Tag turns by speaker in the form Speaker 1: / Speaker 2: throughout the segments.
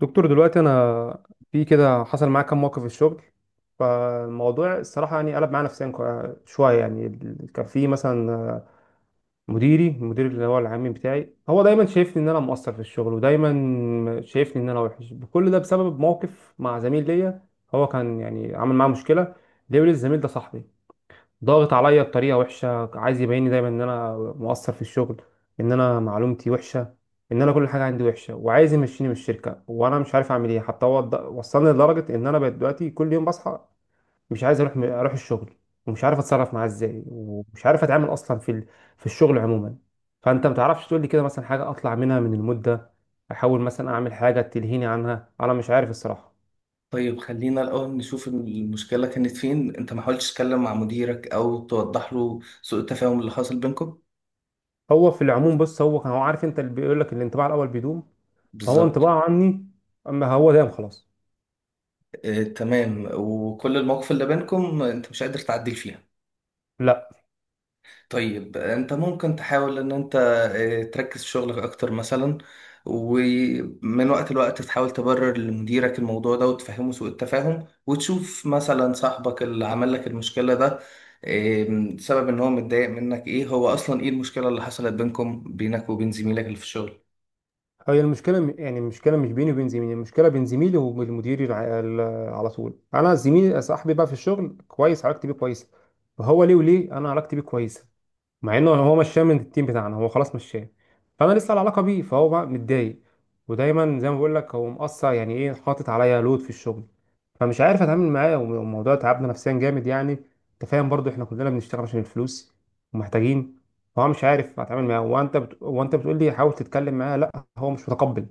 Speaker 1: دكتور دلوقتي انا في كده حصل معايا كام موقف في الشغل. فالموضوع الصراحه يعني قلب معايا نفسيا شويه يعني كان في مثلا المدير اللي هو العام بتاعي، هو دايما شايفني ان انا مقصر في الشغل، ودايما شايفني ان انا وحش. كل ده بسبب موقف مع زميل ليا. هو كان يعني عمل معاه مشكله، ليه؟ الزميل ده صاحبي، ضاغط عليا بطريقه وحشه، عايز يبيني دايما ان انا مقصر في الشغل، ان انا معلومتي وحشه، ان انا كل حاجه عندي وحشه، وعايز يمشيني من الشركه. وانا مش عارف اعمل ايه. حتى هو وصلني لدرجه ان انا بقيت دلوقتي كل يوم بصحى مش عايز اروح، الشغل. ومش عارف اتصرف معاه ازاي، ومش عارف اتعامل اصلا في في الشغل عموما. فانت ما تعرفش تقول لي كده مثلا حاجه اطلع منها من المده، احاول مثلا اعمل حاجه تلهيني عنها؟ انا مش عارف الصراحه.
Speaker 2: طيب، خلينا الأول نشوف المشكلة كانت فين. أنت ما حاولتش تتكلم مع مديرك أو توضح له سوء التفاهم اللي حاصل بينكم؟
Speaker 1: هو في العموم بص، هو كان هو عارف، انت اللي بيقول لك الانطباع الاول بيدوم. فهو
Speaker 2: بالظبط.
Speaker 1: انطباعه عني اما هو دايم خلاص.
Speaker 2: آه، تمام. وكل المواقف اللي بينكم أنت مش قادر تعدل فيها؟
Speaker 1: لا.
Speaker 2: طيب، انت ممكن تحاول ان انت تركز في شغلك اكتر مثلا. ومن وقت لوقت تحاول تبرر لمديرك الموضوع ده وتفهمه سوء التفاهم، وتشوف مثلا صاحبك اللي عمل لك المشكلة ده سبب ان هو متضايق منك ايه. هو اصلا ايه المشكلة اللي حصلت بينكم، بينك وبين زميلك اللي في الشغل؟
Speaker 1: هي المشكله يعني المشكله مش بيني وبين زميلي، المشكله بين زميلي وبين المدير على طول. انا زميلي صاحبي بقى في الشغل، كويس، علاقتي بيه كويسه. وهو ليه، وليه انا علاقتي بيه كويسه مع انه هو مشاه من التيم بتاعنا، هو خلاص مشاه. فانا لسه على علاقه بيه، فهو بقى متضايق. ودايما زي ما بقول لك هو مقصر يعني ايه، حاطط عليا لود في الشغل. فمش عارف اتعامل معاه والموضوع تعبنا نفسيا جامد يعني. انت فاهم برضو، احنا كلنا بنشتغل عشان الفلوس ومحتاجين. فهو مش عارف اتعامل معاه. وانت بتقول لي حاول تتكلم معاه، لا، هو مش متقبل،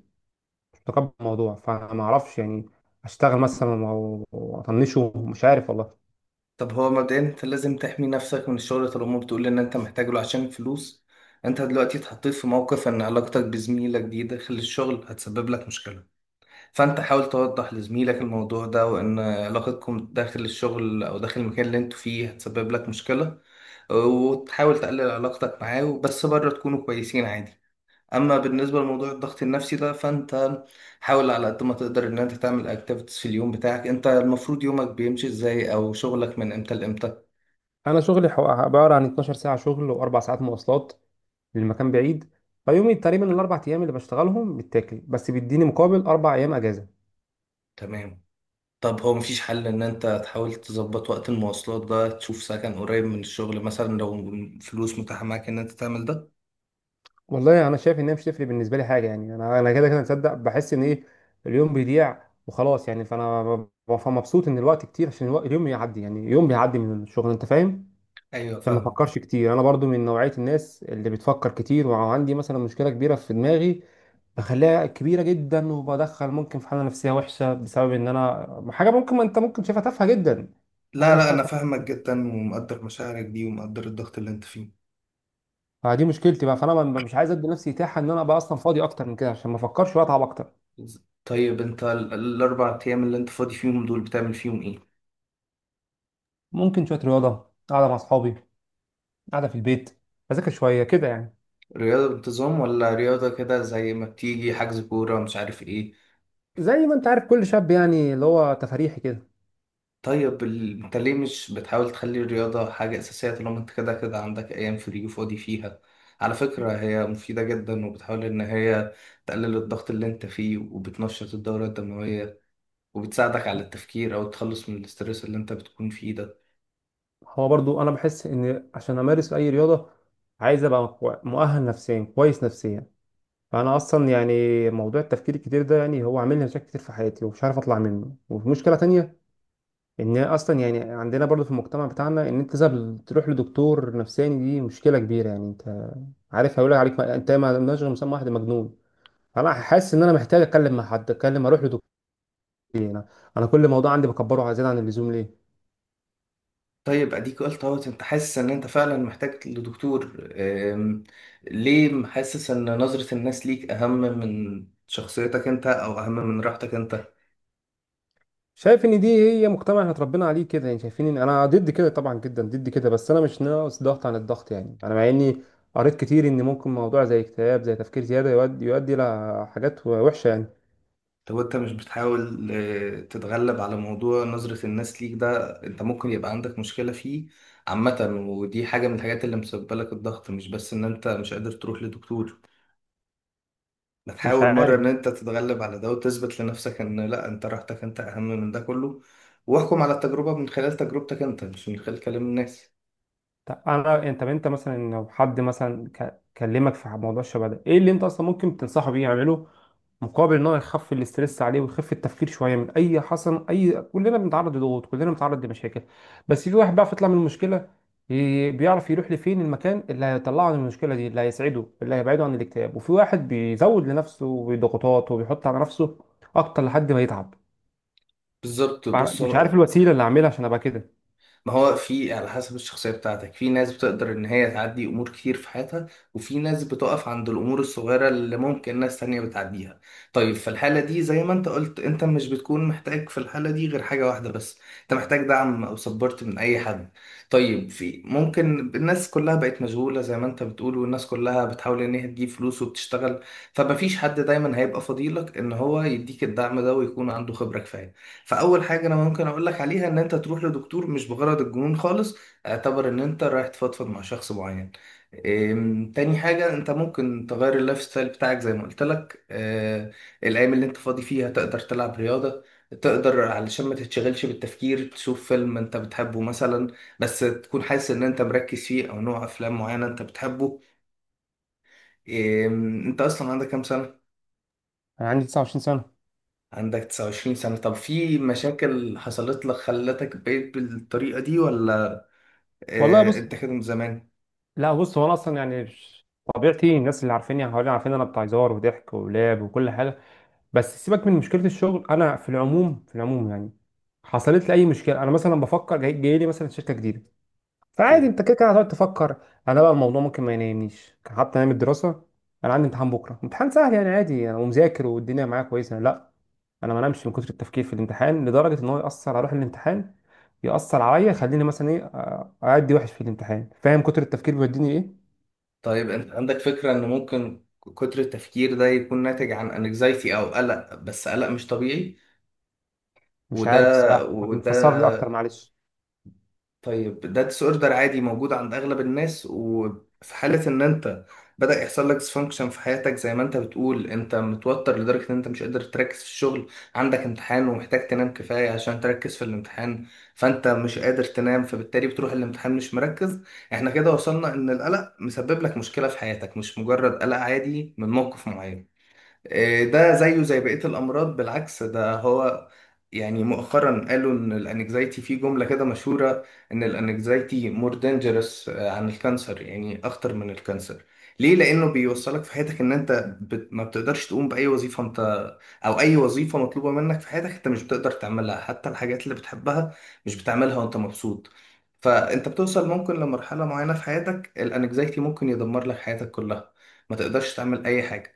Speaker 1: مش متقبل الموضوع. فما اعرفش يعني اشتغل مثلا واطنشه؟ مش عارف والله.
Speaker 2: طب هو مبدئيا انت لازم تحمي نفسك من الشغل طالما بتقول ان انت محتاج له عشان الفلوس. انت دلوقتي اتحطيت في موقف ان علاقتك بزميلك دي داخل الشغل هتسبب لك مشكلة. فانت حاول توضح لزميلك الموضوع ده، وان علاقتكم داخل الشغل او داخل المكان اللي انتوا فيه هتسبب لك مشكلة، وتحاول تقلل علاقتك معاه، بس بره تكونوا كويسين عادي. اما بالنسبة لموضوع الضغط النفسي ده، فانت حاول على قد ما تقدر ان انت تعمل اكتيفيتيز في اليوم بتاعك. انت المفروض يومك بيمشي ازاي، او شغلك من امتى لامتى؟
Speaker 1: انا شغلي عباره عن 12 ساعه شغل واربع ساعات مواصلات، للمكان بعيد. فيومي تقريبا الاربع ايام اللي بشتغلهم بتاكل، بس بيديني مقابل اربع ايام اجازه.
Speaker 2: تمام. طب هو مفيش حل ان انت تحاول تظبط وقت المواصلات ده، تشوف سكن قريب من الشغل مثلا لو فلوس متاحة معاك ان انت تعمل ده؟
Speaker 1: والله انا شايف انها مش تفرق بالنسبه لي حاجه يعني. انا كده كده مصدق، بحس ان ايه، اليوم بيضيع وخلاص يعني. فانا مبسوط ان الوقت كتير، عشان الوقت اليوم يعدي يعني، يوم بيعدي من الشغل، انت فاهم.
Speaker 2: ايوه،
Speaker 1: فما
Speaker 2: فاهم.
Speaker 1: بفكرش كتير. انا برضو من نوعيه الناس اللي بتفكر كتير، وعندي مثلا مشكله كبيره في دماغي بخليها كبيره جدا، وبدخل ممكن في حاله نفسيه وحشه بسبب ان انا حاجه ممكن، ما انت ممكن شايفها تافهه جدا.
Speaker 2: لا لا،
Speaker 1: هدخل
Speaker 2: انا
Speaker 1: في-
Speaker 2: فاهمك جدا ومقدر مشاعرك دي، ومقدر الضغط اللي انت فيه.
Speaker 1: فدي مشكلتي بقى. فانا مش عايز ادي نفسي اتاحه ان انا بقى اصلا فاضي اكتر من كده، عشان ما افكرش واتعب اكتر.
Speaker 2: طيب انت الاربع ايام اللي انت فاضي فيهم دول بتعمل فيهم ايه؟
Speaker 1: ممكن شوية رياضة، قاعدة مع أصحابي، قاعدة في البيت، أذاكر شوية كده يعني.
Speaker 2: رياضة بانتظام، ولا رياضة كده زي ما بتيجي حجز كورة مش عارف ايه؟
Speaker 1: زي ما أنت عارف كل شاب يعني، اللي هو تفريحي كده.
Speaker 2: طيب انت ليه مش بتحاول تخلي الرياضة حاجة اساسية طالما انت كده كده عندك ايام فري وفاضي فيها؟ على فكرة هي مفيدة جدا، وبتحاول ان هي تقلل الضغط اللي انت فيه، وبتنشط الدورة الدموية، وبتساعدك على التفكير او تخلص من الاسترس اللي انت بتكون فيه ده.
Speaker 1: هو برضو أنا بحس إن عشان أمارس أي رياضة عايز أبقى مؤهل نفسيا، كويس نفسيا. فأنا أصلا يعني موضوع التفكير الكتير ده يعني هو عامل لي مشاكل كتير في حياتي، ومش عارف أطلع منه. وفي مشكلة تانية، إن أصلا يعني عندنا برضو في المجتمع بتاعنا إن أنت لازم تروح لدكتور نفساني دي مشكلة كبيرة يعني. أنت عارف هيقول عليك أنت ما لناش غير مسمى واحد، مجنون. انا حاسس ان انا محتاج اتكلم مع حد، اتكلم، اروح لدكتور. إيه، انا انا كل موضوع عندي بكبره زياده عن اللزوم، ليه؟
Speaker 2: طيب اديك قلت اهوت انت حاسس ان انت فعلا محتاج لدكتور. ليه حاسس ان نظرة الناس ليك اهم من شخصيتك انت او اهم من راحتك انت؟
Speaker 1: شايف ان دي هي مجتمع احنا اتربينا عليه كده يعني. شايفين ان انا ضد كده، طبعا جدا ضد كده، بس انا مش ناقص ضغط عن الضغط يعني. انا مع اني قريت كتير ان ممكن موضوع زي اكتئاب، زي تفكير زياده، يؤدي لحاجات وحشه يعني.
Speaker 2: طب انت مش بتحاول تتغلب على موضوع نظرة الناس ليك ده؟ انت ممكن يبقى عندك مشكلة فيه عامة، ودي حاجة من الحاجات اللي مسببة لك الضغط، مش بس ان انت مش قادر تروح لدكتور.
Speaker 1: مش
Speaker 2: بتحاول مرة
Speaker 1: عارف.
Speaker 2: إن أنت تتغلب على ده وتثبت لنفسك إن لأ، أنت راحتك أنت أهم من ده كله. واحكم على التجربة من خلال تجربتك أنت، مش من خلال كلام الناس.
Speaker 1: طب انا، انت، مثلا لو حد مثلا كلمك في موضوع الشبه ده، ايه اللي انت اصلا ممكن تنصحه بيه يعمله مقابل ان هو يخفف الاسترس عليه، ويخفف التفكير شويه؟ من اي حصل اي، كلنا بنتعرض لضغوط، كلنا بنتعرض لمشاكل، بس في واحد بقى يطلع من المشكله، بيعرف يروح لفين، المكان اللي هيطلعه من المشكله دي، اللي هيسعده، اللي هيبعده عن الاكتئاب. وفي واحد بيزود لنفسه بضغوطات، وبيحط على نفسه اكتر لحد ما يتعب.
Speaker 2: بالظبط. بص،
Speaker 1: مش عارف الوسيله اللي اعملها عشان ابقى كده.
Speaker 2: ما هو في على حسب الشخصية بتاعتك. في ناس بتقدر إن هي تعدي أمور كتير في حياتها، وفي ناس بتقف عند الأمور الصغيرة اللي ممكن ناس تانية بتعديها. طيب في الحالة دي زي ما أنت قلت، أنت مش بتكون محتاج في الحالة دي غير حاجة واحدة بس، أنت محتاج دعم أو سبورت من أي حد. طيب في ممكن الناس كلها بقت مشغولة زي ما أنت بتقول، والناس كلها بتحاول إن هي تجيب فلوس وبتشتغل، فمفيش حد دايما هيبقى فضيلك إن هو يديك الدعم ده ويكون عنده خبرة كفاية. فاول حاجه انا ممكن اقول لك عليها ان انت تروح لدكتور، مش بغرض الجنون خالص، اعتبر ان انت رايح تفضفض مع شخص معين. تاني حاجة انت ممكن تغير اللايف ستايل بتاعك زي ما قلت لك. أه، الايام اللي انت فاضي فيها تقدر تلعب رياضة، تقدر علشان ما تتشغلش بالتفكير تشوف فيلم انت بتحبه مثلا، بس تكون حاسس ان انت مركز فيه، او نوع افلام معينة انت بتحبه. انت اصلا عندك كام سنة؟
Speaker 1: انا عندي 29 سنه.
Speaker 2: عندك 29 سنة. طب في مشاكل حصلت لك خلتك بقيت بالطريقة دي، ولا
Speaker 1: والله بص،
Speaker 2: انت كده من زمان؟
Speaker 1: لا بص، هو انا اصلا يعني طبيعتي، الناس اللي عارفيني حواليا عارفين إن انا بتاع هزار وضحك ولعب وكل حاجه. بس سيبك من مشكله الشغل. انا في العموم، يعني حصلت لي اي مشكله، انا مثلا بفكر، جاي، جاي لي مثلا شركه جديده، فعادي
Speaker 2: اوكي.
Speaker 1: انت كده كده هتقعد تفكر. انا بقى الموضوع ممكن ما ينامنيش. حتى ايام الدراسه، انا عندي امتحان بكره، امتحان سهل يعني عادي، انا ومذاكر، والدنيا معايا كويسه، لا، انا ما نامش من كتر التفكير في الامتحان، لدرجه ان هو ياثر على روح الامتحان، ياثر عليا، يخليني مثلا ايه اعدي وحش في الامتحان. فاهم كتر التفكير بيوديني ايه.
Speaker 2: طيب انت عندك فكرة ان ممكن كتر التفكير ده يكون ناتج عن انكزايتي او قلق، بس قلق مش طبيعي؟
Speaker 1: مش
Speaker 2: وده
Speaker 1: عارف الصراحه.
Speaker 2: وده.
Speaker 1: فسر لي اكتر معلش.
Speaker 2: طيب ده ديس اوردر عادي موجود عند اغلب الناس، وفي حالة ان انت بدأ يحصل لك ديسفانكشن في حياتك زي ما انت بتقول، انت متوتر لدرجة ان انت مش قادر تركز في الشغل، عندك امتحان ومحتاج تنام كفاية عشان تركز في الامتحان، فانت مش قادر تنام، فبالتالي بتروح الامتحان مش مركز. احنا كده وصلنا ان القلق مسبب لك مشكلة في حياتك، مش مجرد قلق عادي من موقف معين. إيه ده زيه زي بقية الأمراض، بالعكس ده هو. يعني مؤخرا قالوا إن الأنكزايتي، في جملة كده مشهورة، إن الأنكزايتي مور دينجرس عن الكانسر، يعني أخطر من الكانسر. ليه؟ لأنه بيوصلك في حياتك إن أنت ما بتقدرش تقوم بأي وظيفة أنت، أو أي وظيفة مطلوبة منك في حياتك أنت مش بتقدر تعملها، حتى الحاجات اللي بتحبها مش بتعملها وأنت مبسوط. فأنت بتوصل ممكن لمرحلة معينة في حياتك، الأنكزايتي ممكن يدمر لك حياتك كلها، ما تقدرش تعمل أي حاجة.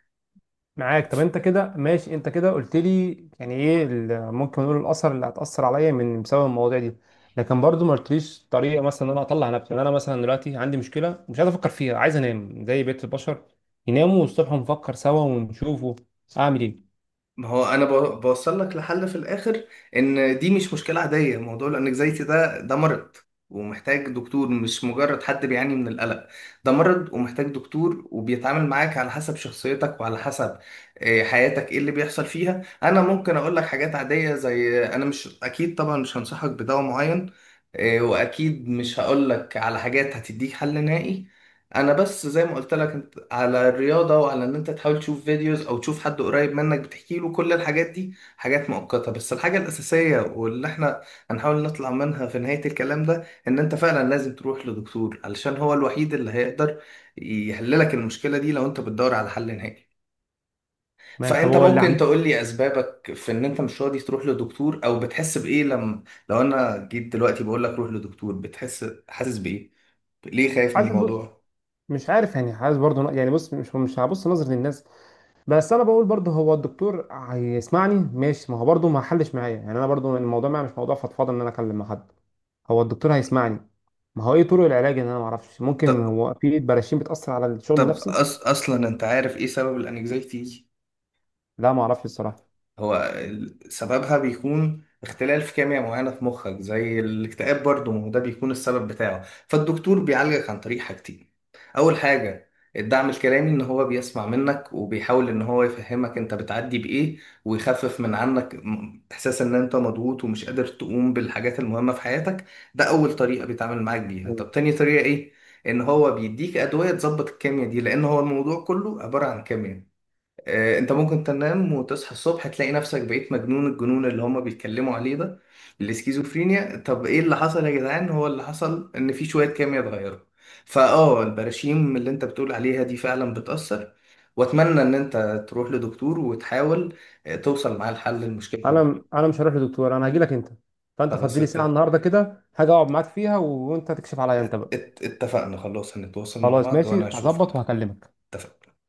Speaker 1: معاك. طب انت كده ماشي، انت كده قلت لي يعني ايه ممكن نقول الاثر اللي هتاثر عليا من بسبب المواضيع دي، لكن برضو ما قلتليش طريقه مثلا ان انا اطلع نفسي. يعني انا مثلا دلوقتي عندي مشكله مش عايز افكر فيها، عايز انام زي بقيه البشر يناموا، والصبح نفكر سوا ونشوفوا. اعمل ايه؟
Speaker 2: ما هو انا بوصل لك لحل في الاخر، ان دي مش مشكله عاديه، موضوع الانكزايتي ده مرض ومحتاج دكتور، مش مجرد حد بيعاني من القلق. ده مرض ومحتاج دكتور، وبيتعامل معاك على حسب شخصيتك وعلى حسب حياتك ايه اللي بيحصل فيها. انا ممكن اقول لك حاجات عاديه، زي انا مش اكيد طبعا مش هنصحك بدواء معين، واكيد مش هقول لك على حاجات هتديك حل نهائي، انا بس زي ما قلت لك على الرياضة، وعلى ان انت تحاول تشوف فيديوز او تشوف حد قريب منك بتحكي له. كل الحاجات دي حاجات مؤقتة، بس الحاجة الأساسية واللي احنا هنحاول نطلع منها في نهاية الكلام ده، ان انت فعلا لازم تروح لدكتور، علشان هو الوحيد اللي هيقدر يحللك المشكلة دي لو انت بتدور على حل نهائي.
Speaker 1: تمام. طب
Speaker 2: فانت
Speaker 1: هو اللي
Speaker 2: ممكن تقول لي اسبابك في ان انت مش راضي تروح لدكتور، او بتحس بايه لما، لو انا جيت دلوقتي بقول لك روح لدكتور بتحس حاسس بايه، ليه خايف من
Speaker 1: حاسس ب-
Speaker 2: الموضوع؟
Speaker 1: مش عارف يعني. حاسس برضو يعني بص، مش هبص نظرة للناس، بس انا بقول برضه هو الدكتور هيسمعني ماشي، ما هو برضه ما حلش معايا يعني. انا برضه الموضوع معايا مش موضوع فضفاضه ان انا اكلم مع حد. هو الدكتور هيسمعني، ما هو ايه طرق العلاج؟ ان انا ما اعرفش ممكن هو في براشين بتاثر على الشغل
Speaker 2: طب
Speaker 1: النفسي.
Speaker 2: اصلا انت عارف ايه سبب الانكزايتي؟
Speaker 1: لا ما اعرفش الصراحه.
Speaker 2: هو سببها بيكون اختلال في كيمياء معينة في مخك، زي الاكتئاب برضه ما هو ده بيكون السبب بتاعه. فالدكتور بيعالجك عن طريق حاجتين. أول حاجة، الدعم الكلامي، إن هو بيسمع منك وبيحاول إن هو يفهمك أنت بتعدي بإيه، ويخفف من عنك إحساس إن أنت مضغوط ومش قادر تقوم بالحاجات المهمة في حياتك. ده أول طريقة بيتعامل معاك بيها.
Speaker 1: مم.
Speaker 2: طب تاني طريقة إيه؟ إن هو بيديك أدوية تظبط الكيمياء دي، لأن هو الموضوع كله عبارة عن كيمياء. انت ممكن تنام وتصحى الصبح تلاقي نفسك بقيت مجنون، الجنون اللي هما بيتكلموا عليه ده الاسكيزوفرينيا. طب ايه اللي حصل يا جدعان؟ هو اللي حصل ان في شوية كيمياء اتغيروا. فاه، البراشيم اللي انت بتقول عليها دي فعلا بتأثر. واتمنى ان انت تروح لدكتور وتحاول توصل معاه لحل المشكلة دي.
Speaker 1: انا مش هروح لدكتور، انا هاجي لك انت. فانت
Speaker 2: خلاص،
Speaker 1: فضي لي ساعه النهارده كده، هاجي اقعد معاك فيها، وانت تكشف عليا انت بقى.
Speaker 2: اتفقنا، خلاص، هنتواصل مع
Speaker 1: خلاص
Speaker 2: بعض وانا
Speaker 1: ماشي، هظبط
Speaker 2: هشوفك.
Speaker 1: وهكلمك.
Speaker 2: اتفقنا.